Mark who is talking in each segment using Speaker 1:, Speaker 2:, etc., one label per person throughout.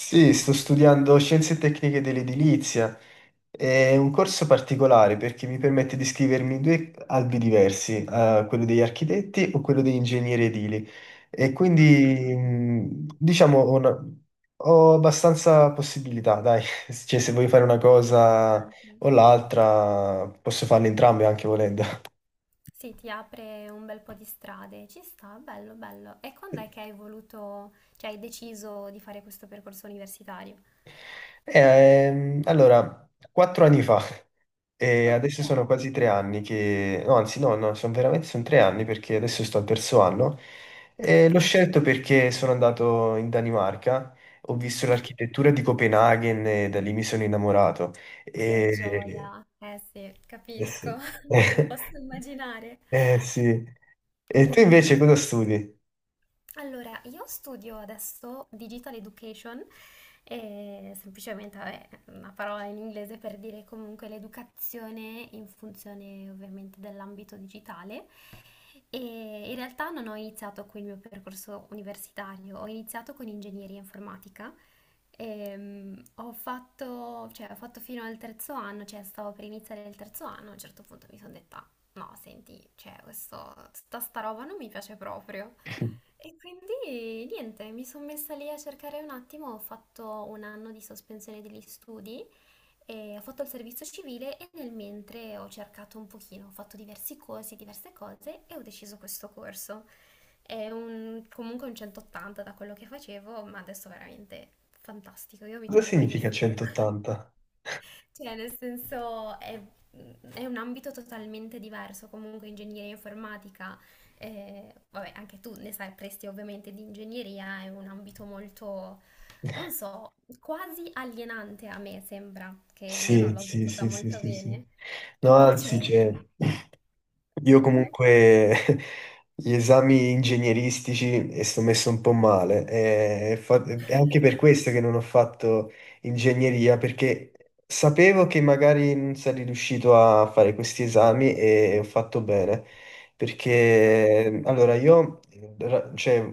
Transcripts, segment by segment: Speaker 1: Sì, sto studiando Scienze Tecniche dell'Edilizia. È un corso particolare perché mi permette di iscrivermi in due albi diversi, quello degli architetti o quello degli ingegneri edili. E
Speaker 2: Ah,
Speaker 1: quindi, diciamo, ho, ho abbastanza possibilità, dai. Cioè, se vuoi fare una cosa
Speaker 2: interessante.
Speaker 1: o l'altra, posso farle entrambe anche volendo.
Speaker 2: Sì, ti apre un bel po' di strade, ci sta, bello, bello. E quando è che hai voluto, cioè hai deciso di fare questo percorso universitario?
Speaker 1: Allora, quattro anni fa, e
Speaker 2: Ok,
Speaker 1: adesso sono quasi tre anni che, no, anzi no, no, sono veramente sono tre anni perché adesso sto al terzo anno. E
Speaker 2: ok.
Speaker 1: l'ho scelto perché sono andato in Danimarca, ho visto
Speaker 2: Mhm.
Speaker 1: l'architettura di Copenaghen e da lì mi sono innamorato.
Speaker 2: Che
Speaker 1: E...
Speaker 2: gioia. Eh sì,
Speaker 1: Eh
Speaker 2: capisco,
Speaker 1: sì.
Speaker 2: lo posso immaginare.
Speaker 1: Eh sì. E tu invece cosa
Speaker 2: Bellissimo.
Speaker 1: studi?
Speaker 2: Allora, io studio adesso Digital Education, e semplicemente vabbè, una parola in inglese per dire comunque l'educazione in funzione ovviamente dell'ambito digitale. E in realtà non ho iniziato con il mio percorso universitario, ho iniziato con ingegneria informatica. Cioè, ho fatto fino al terzo anno, cioè stavo per iniziare il terzo anno, a un certo punto mi sono detta no, senti, cioè, questo, tutta sta roba non mi piace proprio. E quindi niente, mi sono messa lì a cercare un attimo, ho fatto un anno di sospensione degli studi e ho fatto il servizio civile e nel mentre ho cercato un pochino, ho fatto diversi corsi, diverse cose e ho deciso questo corso. Comunque un 180 da quello che facevo, ma adesso veramente fantastico, io mi
Speaker 1: Cosa
Speaker 2: trovo
Speaker 1: significa
Speaker 2: benissimo.
Speaker 1: 180?
Speaker 2: Cioè, nel senso è un ambito totalmente diverso, comunque ingegneria informatica, vabbè, anche tu ne sai presti ovviamente di ingegneria, è un ambito molto, non so, quasi alienante a me sembra, che io non
Speaker 1: Sì,
Speaker 2: l'ho
Speaker 1: sì,
Speaker 2: vissuta
Speaker 1: sì, sì,
Speaker 2: molto
Speaker 1: sì, sì.
Speaker 2: bene.
Speaker 1: No, anzi,
Speaker 2: Invece...
Speaker 1: c'è. Io
Speaker 2: Mhm.
Speaker 1: comunque gli esami ingegneristici e sto messo un po' male. È anche per questo che non ho fatto ingegneria, perché sapevo che magari non sarei riuscito a fare questi esami e ho fatto bene. Perché
Speaker 2: Capisco.
Speaker 1: allora io cioè,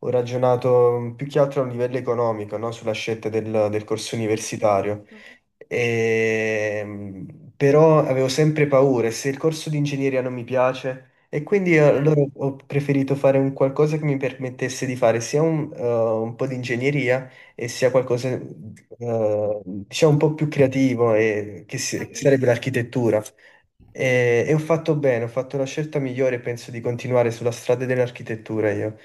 Speaker 1: ho ragionato più che altro a un livello economico, no? Sulla scelta del corso
Speaker 2: Mm, mm, mm,
Speaker 1: universitario.
Speaker 2: mm.
Speaker 1: Però avevo sempre paura se il corso di ingegneria non mi piace e quindi
Speaker 2: Ok,
Speaker 1: allora ho preferito fare un qualcosa che mi permettesse di fare sia un po' di ingegneria e sia qualcosa diciamo un po' più creativo che sarebbe
Speaker 2: capito.
Speaker 1: l'architettura. E ho fatto bene, ho fatto la scelta migliore e penso di continuare sulla strada dell'architettura io.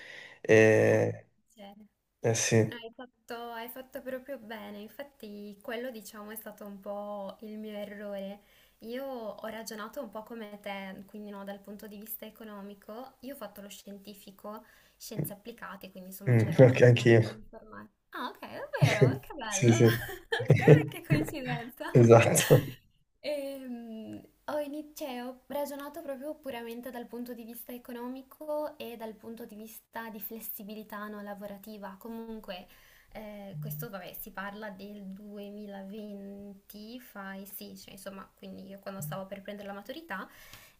Speaker 2: No, non
Speaker 1: Eh,
Speaker 2: c'è.
Speaker 1: eh sì.
Speaker 2: Hai fatto proprio bene, infatti quello diciamo è stato un po' il mio errore. Io ho ragionato un po' come te, quindi no, dal punto di vista economico, io ho fatto lo scientifico, scienze applicate, quindi insomma
Speaker 1: Mm,
Speaker 2: c'era un
Speaker 1: ok,
Speaker 2: pochino
Speaker 1: anch'io.
Speaker 2: anche di informatica. Ah, ok, davvero? Che
Speaker 1: Sì,
Speaker 2: bello!
Speaker 1: sì.
Speaker 2: Guarda che coincidenza.
Speaker 1: Esatto.
Speaker 2: Cioè, ho ragionato proprio puramente dal punto di vista economico e dal punto di vista di flessibilità no, lavorativa. Comunque, questo vabbè, si parla del 2020, fai sì, cioè, insomma, quindi io quando stavo per prendere la maturità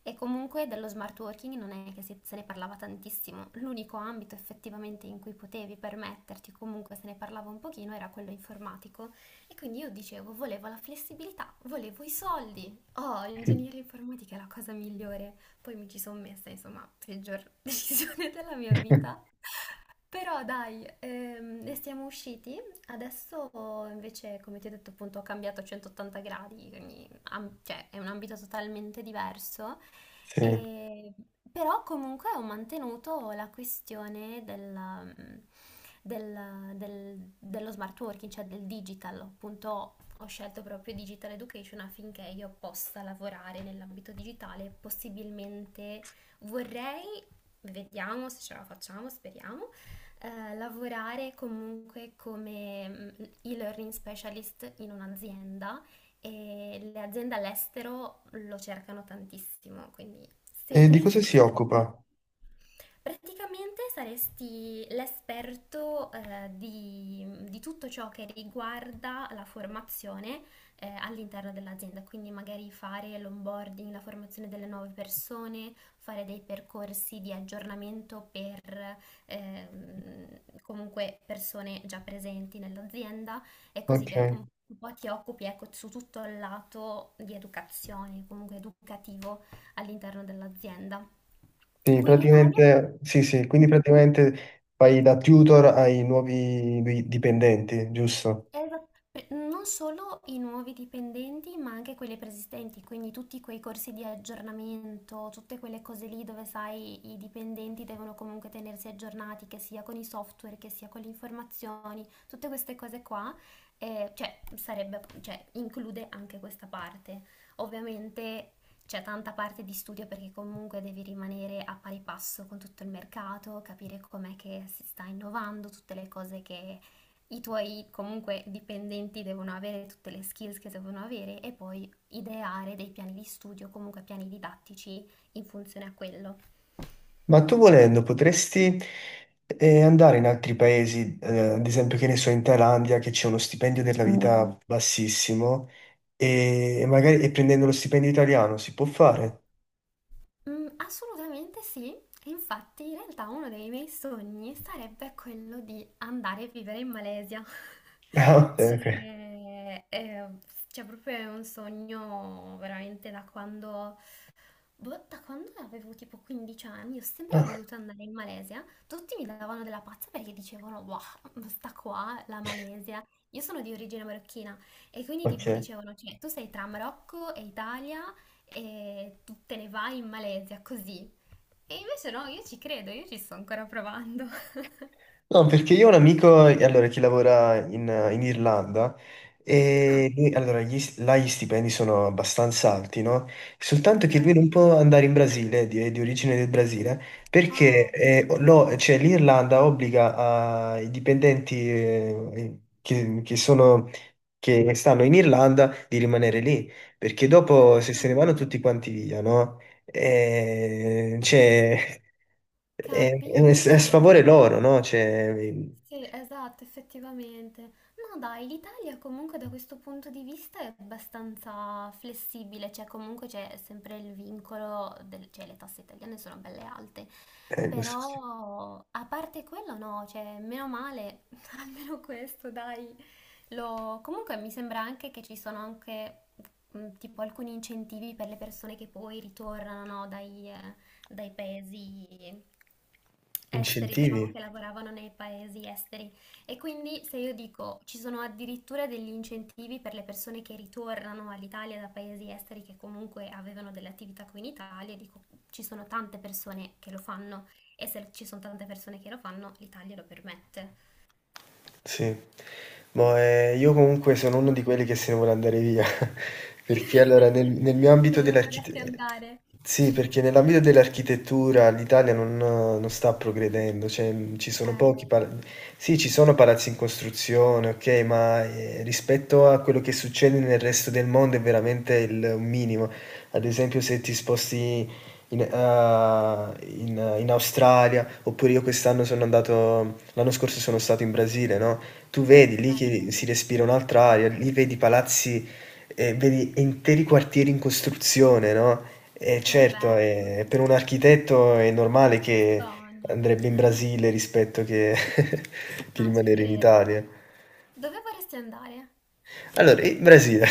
Speaker 2: e comunque dello smart working non è che se ne parlava tantissimo, l'unico ambito effettivamente in cui potevi permetterti, comunque se ne parlava un pochino, era quello informatico. E quindi io dicevo, volevo la flessibilità, volevo i soldi. Oh, ingegneria informatica è la cosa migliore. Poi mi ci sono messa, insomma, peggior decisione della mia vita. Però dai, ne siamo usciti. Adesso invece, come ti ho detto, appunto, ho cambiato a 180 gradi, quindi cioè, è un ambito totalmente diverso.
Speaker 1: Sì.
Speaker 2: E- Però comunque ho mantenuto la questione dello smart working, cioè del digital. Appunto, ho scelto proprio digital education affinché io possa lavorare nell'ambito digitale, possibilmente vorrei, vediamo se ce la facciamo, speriamo lavorare comunque come e-learning specialist in un'azienda e le aziende all'estero lo cercano tantissimo, quindi se
Speaker 1: E di cosa
Speaker 2: riesco
Speaker 1: si occupa?
Speaker 2: sarebbe... Praticamente saresti l'esperto di tutto ciò che riguarda la formazione all'interno dell'azienda, quindi magari fare l'onboarding, la formazione delle nuove persone, fare dei percorsi di aggiornamento per comunque persone già presenti nell'azienda e così
Speaker 1: Ok.
Speaker 2: via. Un po' ti occupi, ecco, su tutto il lato di educazione, comunque educativo all'interno dell'azienda.
Speaker 1: Sì,
Speaker 2: Qui in Italia...
Speaker 1: praticamente, sì, sì, quindi
Speaker 2: Mhm.
Speaker 1: praticamente fai da tutor ai nuovi dipendenti, giusto?
Speaker 2: Non solo i nuovi dipendenti, ma anche quelli preesistenti, quindi tutti quei corsi di aggiornamento, tutte quelle cose lì dove sai i dipendenti devono comunque tenersi aggiornati, che sia con i software, che sia con le informazioni, tutte queste cose qua, cioè, sarebbe, cioè, include anche questa parte. Ovviamente c'è tanta parte di studio perché comunque devi rimanere a pari passo con tutto il mercato, capire com'è che si sta innovando, tutte le cose che i tuoi comunque dipendenti devono avere tutte le skills che devono avere e poi ideare dei piani di studio, comunque piani didattici in funzione a quello.
Speaker 1: Ma tu volendo potresti andare in altri paesi, ad esempio, che ne so, in Thailandia, che c'è uno stipendio della Mm. vita bassissimo, e magari e prendendo lo stipendio italiano si può fare?
Speaker 2: Mm, assolutamente sì, e infatti in realtà uno dei miei sogni sarebbe quello di andare a vivere in Malesia.
Speaker 1: Ah, ok. Ok.
Speaker 2: C'è, eh, c'è proprio un sogno veramente da quando boh, da quando avevo tipo 15 anni, ho sempre
Speaker 1: Ah,
Speaker 2: voluto andare in Malesia. Tutti mi davano della pazza perché dicevano, wow, sta qua la Malesia. Io sono di origine marocchina e quindi tipo
Speaker 1: ok.
Speaker 2: dicevano, cioè, tu sei tra Marocco e Italia e tu te ne vai in Malesia così. E invece no, io ci credo, io ci sto ancora provando.
Speaker 1: No, perché io ho un amico, allora, che lavora in Irlanda
Speaker 2: Ah,
Speaker 1: allora, gli, là gli stipendi sono abbastanza alti, no? Soltanto
Speaker 2: ok.
Speaker 1: che lui non può andare in Brasile, di origine del Brasile, perché
Speaker 2: Oh,
Speaker 1: cioè, l'Irlanda obbliga ai dipendenti che sono, che stanno in Irlanda di rimanere lì, perché dopo se se ne vanno
Speaker 2: ah,
Speaker 1: tutti quanti via, no? Cioè, è è a
Speaker 2: capito.
Speaker 1: sfavore loro, no? Cioè,
Speaker 2: Sì, esatto, effettivamente. No, dai, l'Italia comunque da questo punto di vista è abbastanza flessibile, cioè comunque c'è sempre il vincolo, cioè le tasse italiane sono belle alte,
Speaker 1: questi
Speaker 2: però a parte quello no, cioè meno male, almeno questo dai. Comunque mi sembra anche che ci sono anche tipo alcuni incentivi per le persone che poi ritornano no, dai, dai paesi esteri, diciamo
Speaker 1: incentivi.
Speaker 2: che lavoravano nei paesi esteri. E quindi se io dico ci sono addirittura degli incentivi per le persone che ritornano all'Italia da paesi esteri che comunque avevano delle attività qui in Italia, dico ci sono tante persone che lo fanno. E se ci sono tante persone che lo fanno, l'Italia lo permette.
Speaker 1: Sì. Boh, io comunque sono uno di
Speaker 2: Immagino.
Speaker 1: quelli che se ne vuole andare via, perché allora nel mio ambito
Speaker 2: Dove
Speaker 1: dell'archite
Speaker 2: vorresti andare?
Speaker 1: sì, perché nell'ambito dell'architettura l'Italia non sta progredendo, cioè, ci sono pochi
Speaker 2: Eh,
Speaker 1: pala sì, ci sono palazzi in costruzione, okay, ma, rispetto a quello che succede nel resto del mondo è veramente il un minimo. Ad esempio se ti sposti in Australia, oppure io quest'anno sono andato, l'anno scorso sono stato in Brasile, no? Tu vedi
Speaker 2: che
Speaker 1: lì
Speaker 2: bello,
Speaker 1: che si respira un'altra aria, lì vedi palazzi, vedi interi quartieri in costruzione, no? E
Speaker 2: che
Speaker 1: certo,
Speaker 2: bello,
Speaker 1: per un architetto è normale
Speaker 2: il
Speaker 1: che
Speaker 2: sogno.
Speaker 1: andrebbe in Brasile rispetto che, che
Speaker 2: No, ci
Speaker 1: rimanere in
Speaker 2: credo.
Speaker 1: Italia.
Speaker 2: Dove vorresti andare?
Speaker 1: Allora, il Brasile,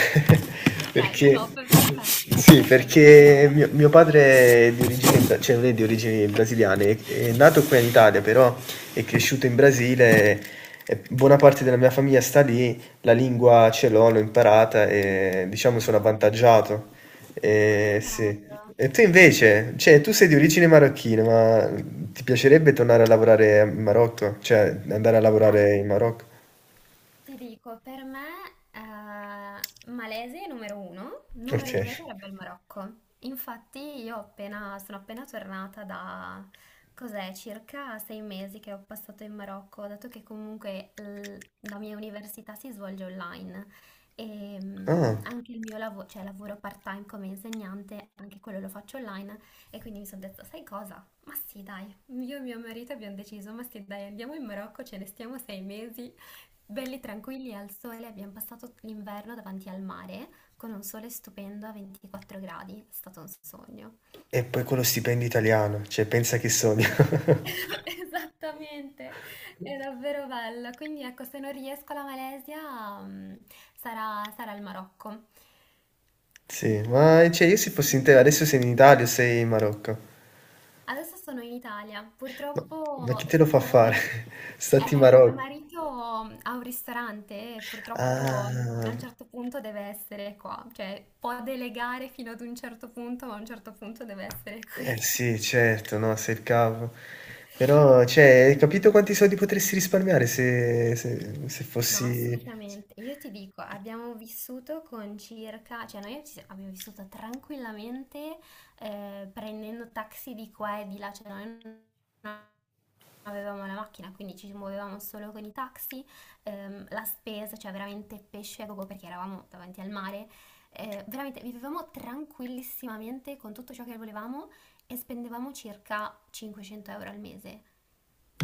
Speaker 2: Ok,
Speaker 1: perché,
Speaker 2: top, perfetto.
Speaker 1: sì,
Speaker 2: Beh, ti chiederò.
Speaker 1: perché mio padre è di origini, cioè non è di origini brasiliane, è nato qui in Italia,
Speaker 2: Ok.
Speaker 1: però è cresciuto in Brasile, e buona parte della mia famiglia sta lì, la lingua ce l'ho, l'ho imparata e diciamo sono
Speaker 2: Ah,
Speaker 1: avvantaggiato.
Speaker 2: ma che
Speaker 1: E, sì.
Speaker 2: bello.
Speaker 1: E tu invece, cioè tu sei di origine marocchina, ma ti piacerebbe tornare a lavorare in Marocco? Cioè andare a
Speaker 2: Al-
Speaker 1: lavorare in Marocco?
Speaker 2: Ti dico, per me Malesia è numero uno,
Speaker 1: Ok.
Speaker 2: numero due sarebbe il Marocco. Infatti io sono appena tornata da, cos'è, circa 6 mesi che ho passato in Marocco, dato che comunque la mia università si svolge online e
Speaker 1: Ah.
Speaker 2: anche il mio lavoro, cioè lavoro part-time come insegnante, anche quello lo faccio online e quindi mi sono detta, sai cosa? Ma sì, dai, io e mio marito abbiamo deciso, ma sì, dai, andiamo in Marocco, ce ne stiamo 6 mesi. Belli tranquilli al sole, abbiamo passato l'inverno davanti al mare con un sole stupendo a 24 gradi, è stato un sogno.
Speaker 1: E poi quello stipendio italiano, cioè pensa che sogno.
Speaker 2: Esattamente, è davvero bello. Quindi ecco, se non riesco alla Malesia, sarà il Marocco.
Speaker 1: Sì, ma cioè io se fossi in te,
Speaker 2: Speriamo,
Speaker 1: adesso
Speaker 2: dai.
Speaker 1: sei in Italia o sei in Marocco?
Speaker 2: Adesso sono in Italia.
Speaker 1: Ma, ma
Speaker 2: Purtroppo,
Speaker 1: chi te lo fa fare?
Speaker 2: comunque,
Speaker 1: Stati in
Speaker 2: mio
Speaker 1: Marocco.
Speaker 2: marito ha un ristorante e purtroppo a
Speaker 1: Ah,
Speaker 2: un certo punto deve essere qua. Cioè, può delegare fino ad un certo punto, ma a un certo punto deve essere
Speaker 1: eh
Speaker 2: qui.
Speaker 1: sì, certo, no, sei il capo. Però, cioè, hai capito quanti soldi potresti risparmiare se
Speaker 2: No,
Speaker 1: fossi...
Speaker 2: assolutamente. Io ti dico, abbiamo vissuto con circa, cioè noi abbiamo vissuto tranquillamente prendendo taxi di qua e di là, cioè noi non avevamo la macchina, quindi ci muovevamo solo con i taxi, la spesa, cioè veramente pesce a gogo perché eravamo davanti al mare, veramente vivevamo tranquillissimamente con tutto ciò che volevamo e spendevamo circa 500 euro al mese.